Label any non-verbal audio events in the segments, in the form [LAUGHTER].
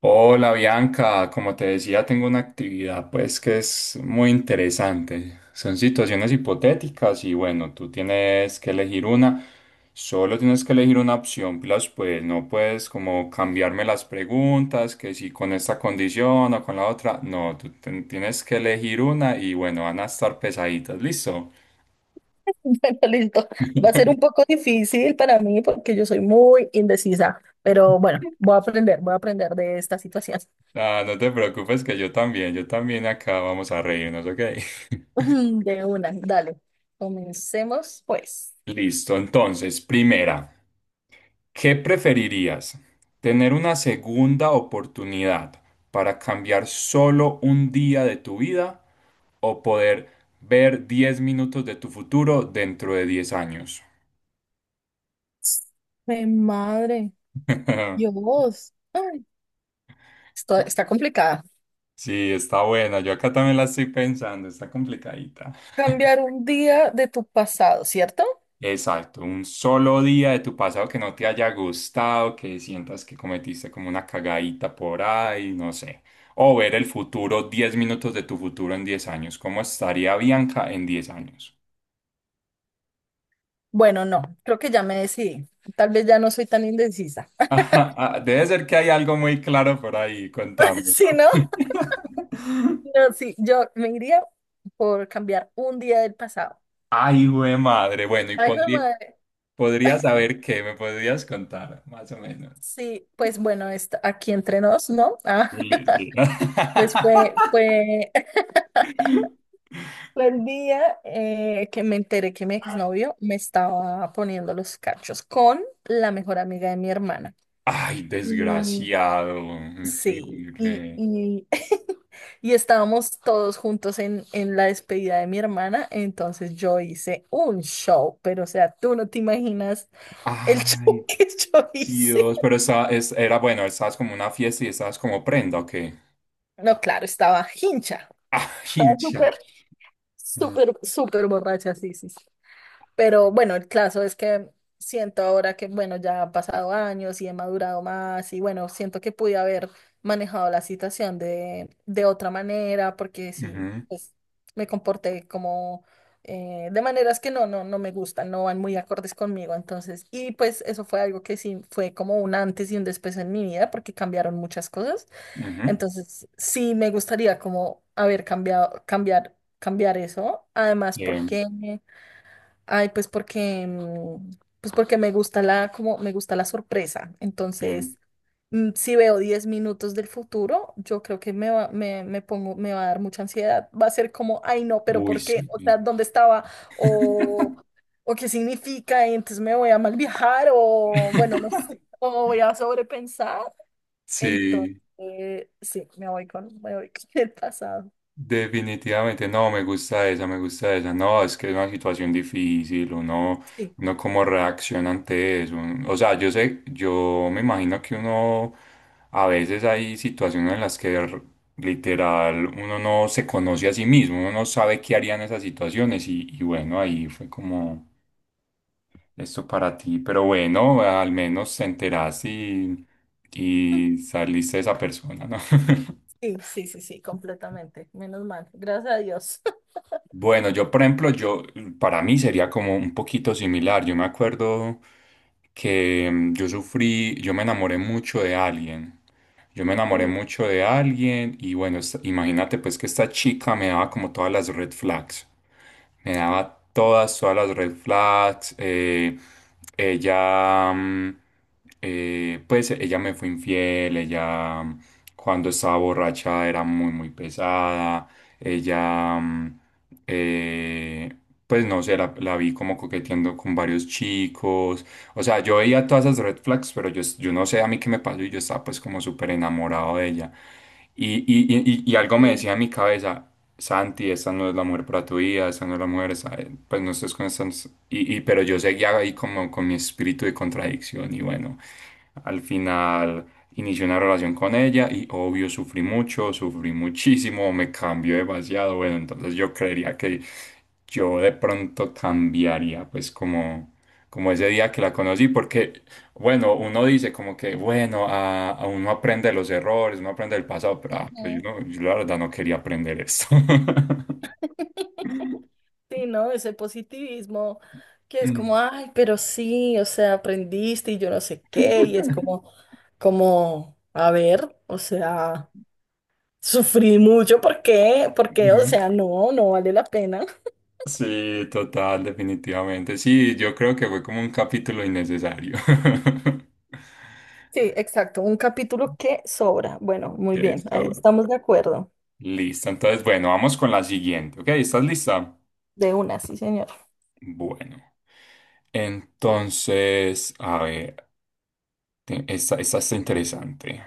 Hola Bianca, como te decía, tengo una actividad pues que es muy interesante. Son situaciones hipotéticas y bueno, tú tienes que elegir una, solo tienes que elegir una opción, plus pues no puedes como cambiarme las preguntas, que si con esta condición o con la otra, no, tú tienes que elegir una y bueno, van a estar pesaditas, ¿listo? [LAUGHS] Bueno, listo. Va a ser un poco difícil para mí porque yo soy muy indecisa, pero bueno, voy a aprender de esta situación. [LAUGHS] Ah, no te preocupes que yo también acá vamos a reírnos, ¿ok? [LAUGHS] Ujú. De una, dale. Comencemos, pues. Listo, entonces, primera. ¿Qué preferirías? ¿Tener una segunda oportunidad para cambiar solo un día de tu vida, o poder ver 10 minutos de tu futuro dentro de 10 años? Mi madre, [LAUGHS] Dios. Ay, esto está complicada. Sí, está buena. Yo acá también la estoy pensando, está complicadita. Cambiar un día de tu pasado, ¿cierto? Exacto, un solo día de tu pasado que no te haya gustado, que sientas que cometiste como una cagadita por ahí, no sé. O ver el futuro, 10 minutos de tu futuro en 10 años. ¿Cómo estaría Bianca en 10 años? Bueno, no, creo que ya me decidí. Tal vez ya no soy tan indecisa. [LAUGHS] Ajá, ah, debe ser que hay algo muy claro por ahí, [LAUGHS] contame. Si no, [LAUGHS] no, sí, yo me iría por cambiar un día del pasado. Ay, güey, madre. Bueno, y Ay, jue podría, madre. podrías saber qué, me podrías contar, más o menos. Sí, pues bueno, aquí entre nos, ¿no? Sí. [LAUGHS] pues fue [LAUGHS] el día que me enteré que mi exnovio me estaba poniendo los cachos con la mejor amiga de mi hermana. Ay, Y desgraciado, sí, increíble. [LAUGHS] Y estábamos todos juntos en la despedida de mi hermana. Entonces yo hice un show, pero o sea, tú no te imaginas el [LAUGHS] show Ay, que yo hice. Dios, pero era bueno, estabas como una fiesta y estabas como prenda, ¿o qué? [LAUGHS] No, claro, estaba hincha, Ah, estaba hincha. súper, Mm, súper, súper borracha, sí, sí, sí. Pero bueno, el caso es que siento ahora que, bueno, ya han pasado años y he madurado más y bueno, siento que pude haber manejado la situación de otra manera porque sí, ujú, pues me comporté como de maneras que no me gustan, no van muy acordes conmigo. Entonces, y pues eso fue algo que sí fue como un antes y un después en mi vida porque cambiaron muchas cosas. ujú. Entonces, sí me gustaría como haber cambiado, cambiar eso. Además, Bien, porque... Ay, pues porque, pues porque me gusta la, como me gusta la sorpresa. bien. Entonces, si veo 10 minutos del futuro, yo creo que me pongo, me va a dar mucha ansiedad. Va a ser como, ay no, pero Uy, ¿por qué? sí. O sea, ¿dónde estaba? O, o qué significa, y entonces me voy a mal viajar, o bueno, no sé, [LAUGHS] o voy a sobrepensar. Entonces, Sí. sí, me voy con [LAUGHS] el pasado. Definitivamente, no, me gusta esa, me gusta esa. No, es que es una situación difícil, uno, Sí, uno cómo reacciona ante eso. O sea, yo sé, yo me imagino que uno, a veces hay situaciones en las que literal uno no se conoce a sí mismo, uno no sabe qué haría en esas situaciones y, bueno, ahí fue como esto para ti. Pero bueno, al menos te enteraste y [LAUGHS] saliste de esa persona, ¿no? [LAUGHS] sí, sí, sí, sí, completamente. Menos mal. Gracias a Dios. [LAUGHS] Bueno, yo por ejemplo, yo para mí sería como un poquito similar. Yo me acuerdo que yo me enamoré mucho de alguien. Yo me enamoré Sí, mucho de alguien y bueno, imagínate pues que esta chica me daba como todas las red flags. Me daba todas las red flags. Ella, mm, pues ella me fue infiel, cuando estaba borracha era muy, muy pesada. Ella, mm, eh, pues no sé, la vi como coqueteando con varios chicos. O sea, yo veía todas esas red flags, pero yo no sé a mí qué me pasó y yo estaba pues como súper enamorado de ella. Y algo me sí. decía en mi cabeza, Santi, esta no es la mujer para tu vida, esta no es la mujer, pues no estés con estas... Pero yo seguía ahí como con mi espíritu de contradicción y bueno, al final... Inicié una relación con ella y obvio sufrí mucho, sufrí muchísimo, me cambió demasiado. Bueno, entonces yo creería que yo de pronto cambiaría, pues como, ese día que la conocí, porque, bueno, uno dice como que, bueno, a uno aprende de los errores, uno aprende del pasado, pero yo, Ujú. Yo la verdad no quería aprender esto. [LAUGHS] Sí, ¿no? Ese positivismo que es como, Mm. ay, pero sí, o sea, aprendiste y yo no sé qué, y es [LAUGHS] como, como, a ver, o sea, sufrí mucho, ¿por qué? Porque, o Ujú. sea, no vale la pena. Sí, total, definitivamente. Sí, yo creo que fue como un capítulo innecesario. [LAUGHS] Sí, exacto, un capítulo que sobra. Bueno, muy bien, ahí Eso. estamos de acuerdo. Listo. Entonces, bueno, vamos con la siguiente. ¿Ok? ¿Estás lista? De una, sí, señor. Bueno. Entonces, a ver, esta está interesante.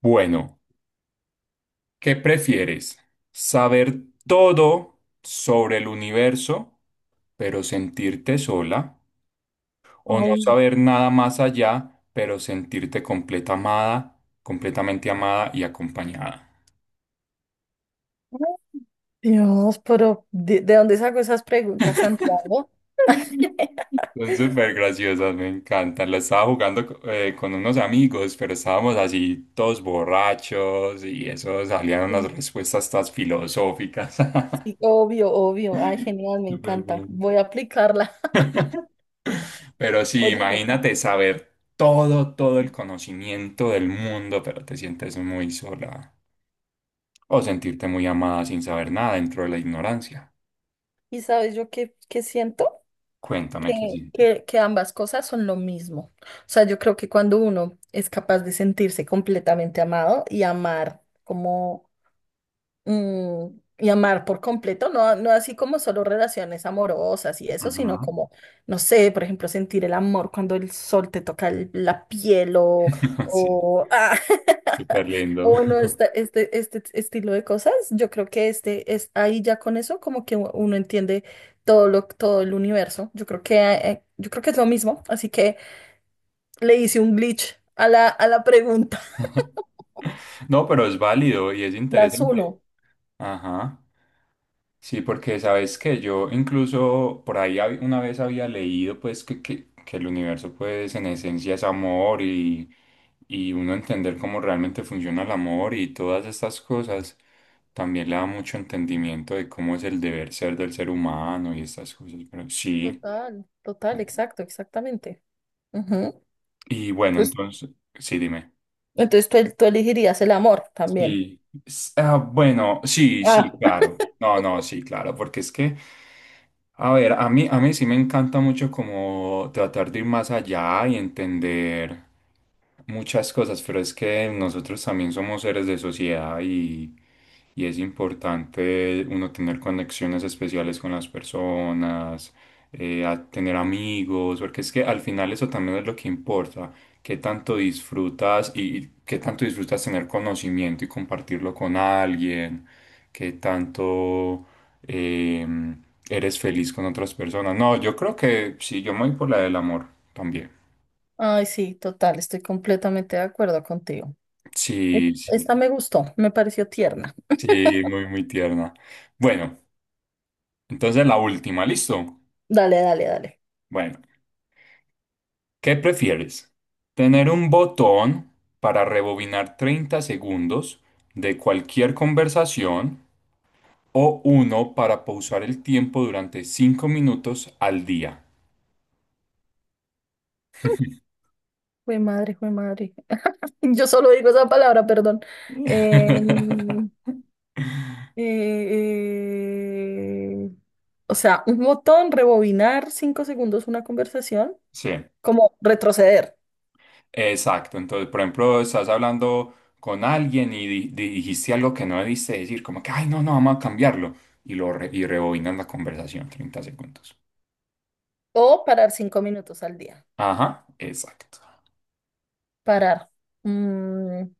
Bueno, ¿qué prefieres? ¿Saber todo sobre el universo, pero sentirte sola, o no Ay, saber nada más allá, pero sentirte completamente amada y acompañada? Dios, pero de dónde saco esas preguntas, [LAUGHS] Santiago? [LAUGHS] Son súper graciosas, me encantan. La estaba jugando con unos amigos, pero estábamos así todos borrachos y eso salían unas Sí. respuestas tan filosóficas. Sí, obvio, obvio. Ay, [LAUGHS] genial, me Súper encanta. bueno. Voy a aplicarla. [LAUGHS] Pero [LAUGHS] sí, Oye, imagínate saber todo, el conocimiento del mundo, pero te sientes muy sola. O sentirte muy amada sin saber nada dentro de la ignorancia. ¿y sabes yo qué, qué siento? Cuéntame qué sientes. Que ambas cosas son lo mismo. O sea, yo creo que cuando uno es capaz de sentirse completamente amado y amar como mm, y amar por completo, no, no así como solo relaciones amorosas y eso, Ujú. sino como, no sé, por ejemplo, sentir el amor cuando el sol te toca la piel [LAUGHS] Sí, o, súper [LAUGHS] lindo. o bueno, este estilo de cosas, yo creo que este es ahí ya con eso como que uno entiende todo lo, todo el universo. Yo creo que es lo mismo, así que le hice un glitch a la pregunta. [LAUGHS] [LAUGHS] No, pero es válido y es La interesante. uno. Ajá. Sí, porque sabes que yo incluso por ahí una vez había leído pues que el universo pues en esencia es amor y uno entender cómo realmente funciona el amor y todas estas cosas también le da mucho entendimiento de cómo es el deber ser del ser humano y estas cosas, pero sí. Total, total, exacto, exactamente. Ujú. Y bueno, Entonces, entonces, sí, dime. entonces tú elegirías el amor también. Sí, bueno, sí, sí, Ah, claro. No, no, sí, claro, porque es que, a ver, a mí sí me encanta mucho como tratar de ir más allá y entender muchas cosas, pero es que nosotros también somos seres de sociedad y es importante uno tener conexiones especiales con las personas, a tener amigos, porque es que al final eso también es lo que importa. ¿Qué tanto disfrutas y qué tanto disfrutas tener conocimiento y compartirlo con alguien? ¿Qué tanto eh, eres feliz con otras personas? No, yo creo que sí, yo me voy por la del amor también. ay, sí, total, estoy completamente de acuerdo contigo. Sí, sí, Esta me gustó, me pareció tierna. sí, muy, muy tierna. Bueno, entonces la última, ¿listo? Dale, dale, dale. Bueno, ¿qué prefieres? ¿Tener un botón para rebobinar 30 segundos de cualquier conversación, o uno para pausar el tiempo durante 5 minutos al día? Jue madre, jue madre. [LAUGHS] Yo solo digo esa palabra, perdón. Em, [LAUGHS] Eh, eh, o sea, un botón, rebobinar 5 segundos una conversación, Sí, como retroceder exacto. Entonces, por ejemplo, estás hablando con alguien y dijiste algo que no debiste decir, como que, ay, no, no, vamos a cambiarlo. Y rebobinas la conversación 30 segundos. o parar 5 minutos al día. Ajá, exacto. Parar. Mm,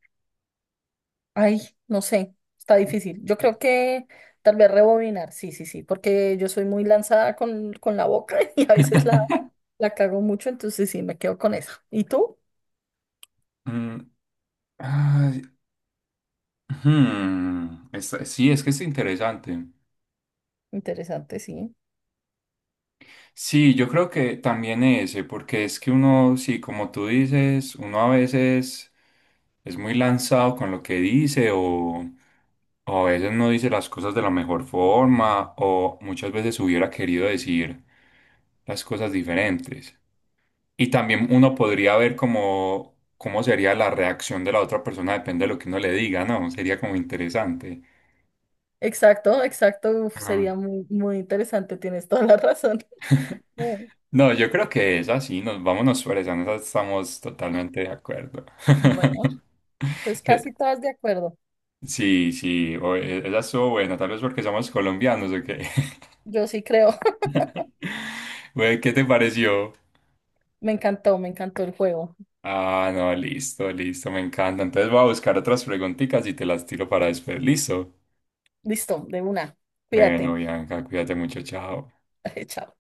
Ay, no sé, está difícil. Yo creo que tal vez rebobinar, sí, sí, sí, porque yo soy muy lanzada con la boca [LAUGHS] y a veces la, [LAUGHS] la cago mucho, entonces sí, me quedo con eso. ¿Y tú? Mm, ay, sí, es que es interesante. Interesante, sí. Sí, yo creo que también ese, porque es que uno, sí, como tú dices, uno a veces es muy lanzado con lo que dice o, a veces no dice las cosas de la mejor forma o muchas veces hubiera querido decir las cosas diferentes. Y también uno podría ver cómo sería la reacción de la otra persona, depende de lo que uno le diga, ¿no? Sería como interesante. Exacto, exacto, uf, Ah. sería muy, muy interesante, tienes toda la razón. [LAUGHS] Mm. No, yo creo que es así, vámonos por esa, en esa estamos totalmente de acuerdo. [LAUGHS] Bueno, pues Que- casi todas de acuerdo. Sí, sí, esa estuvo buena, tal vez porque somos colombianos o qué. Yo sí creo. [LAUGHS] [LAUGHS] Güey, ¿qué te pareció? Me encantó el juego. Ah, no, listo, listo, me encanta. Entonces voy a buscar otras preguntitas y te las tiro para después, listo. Listo, de una. Bueno, Cuídate. Bianca, cuídate mucho, chao. [LAUGHS] Chao.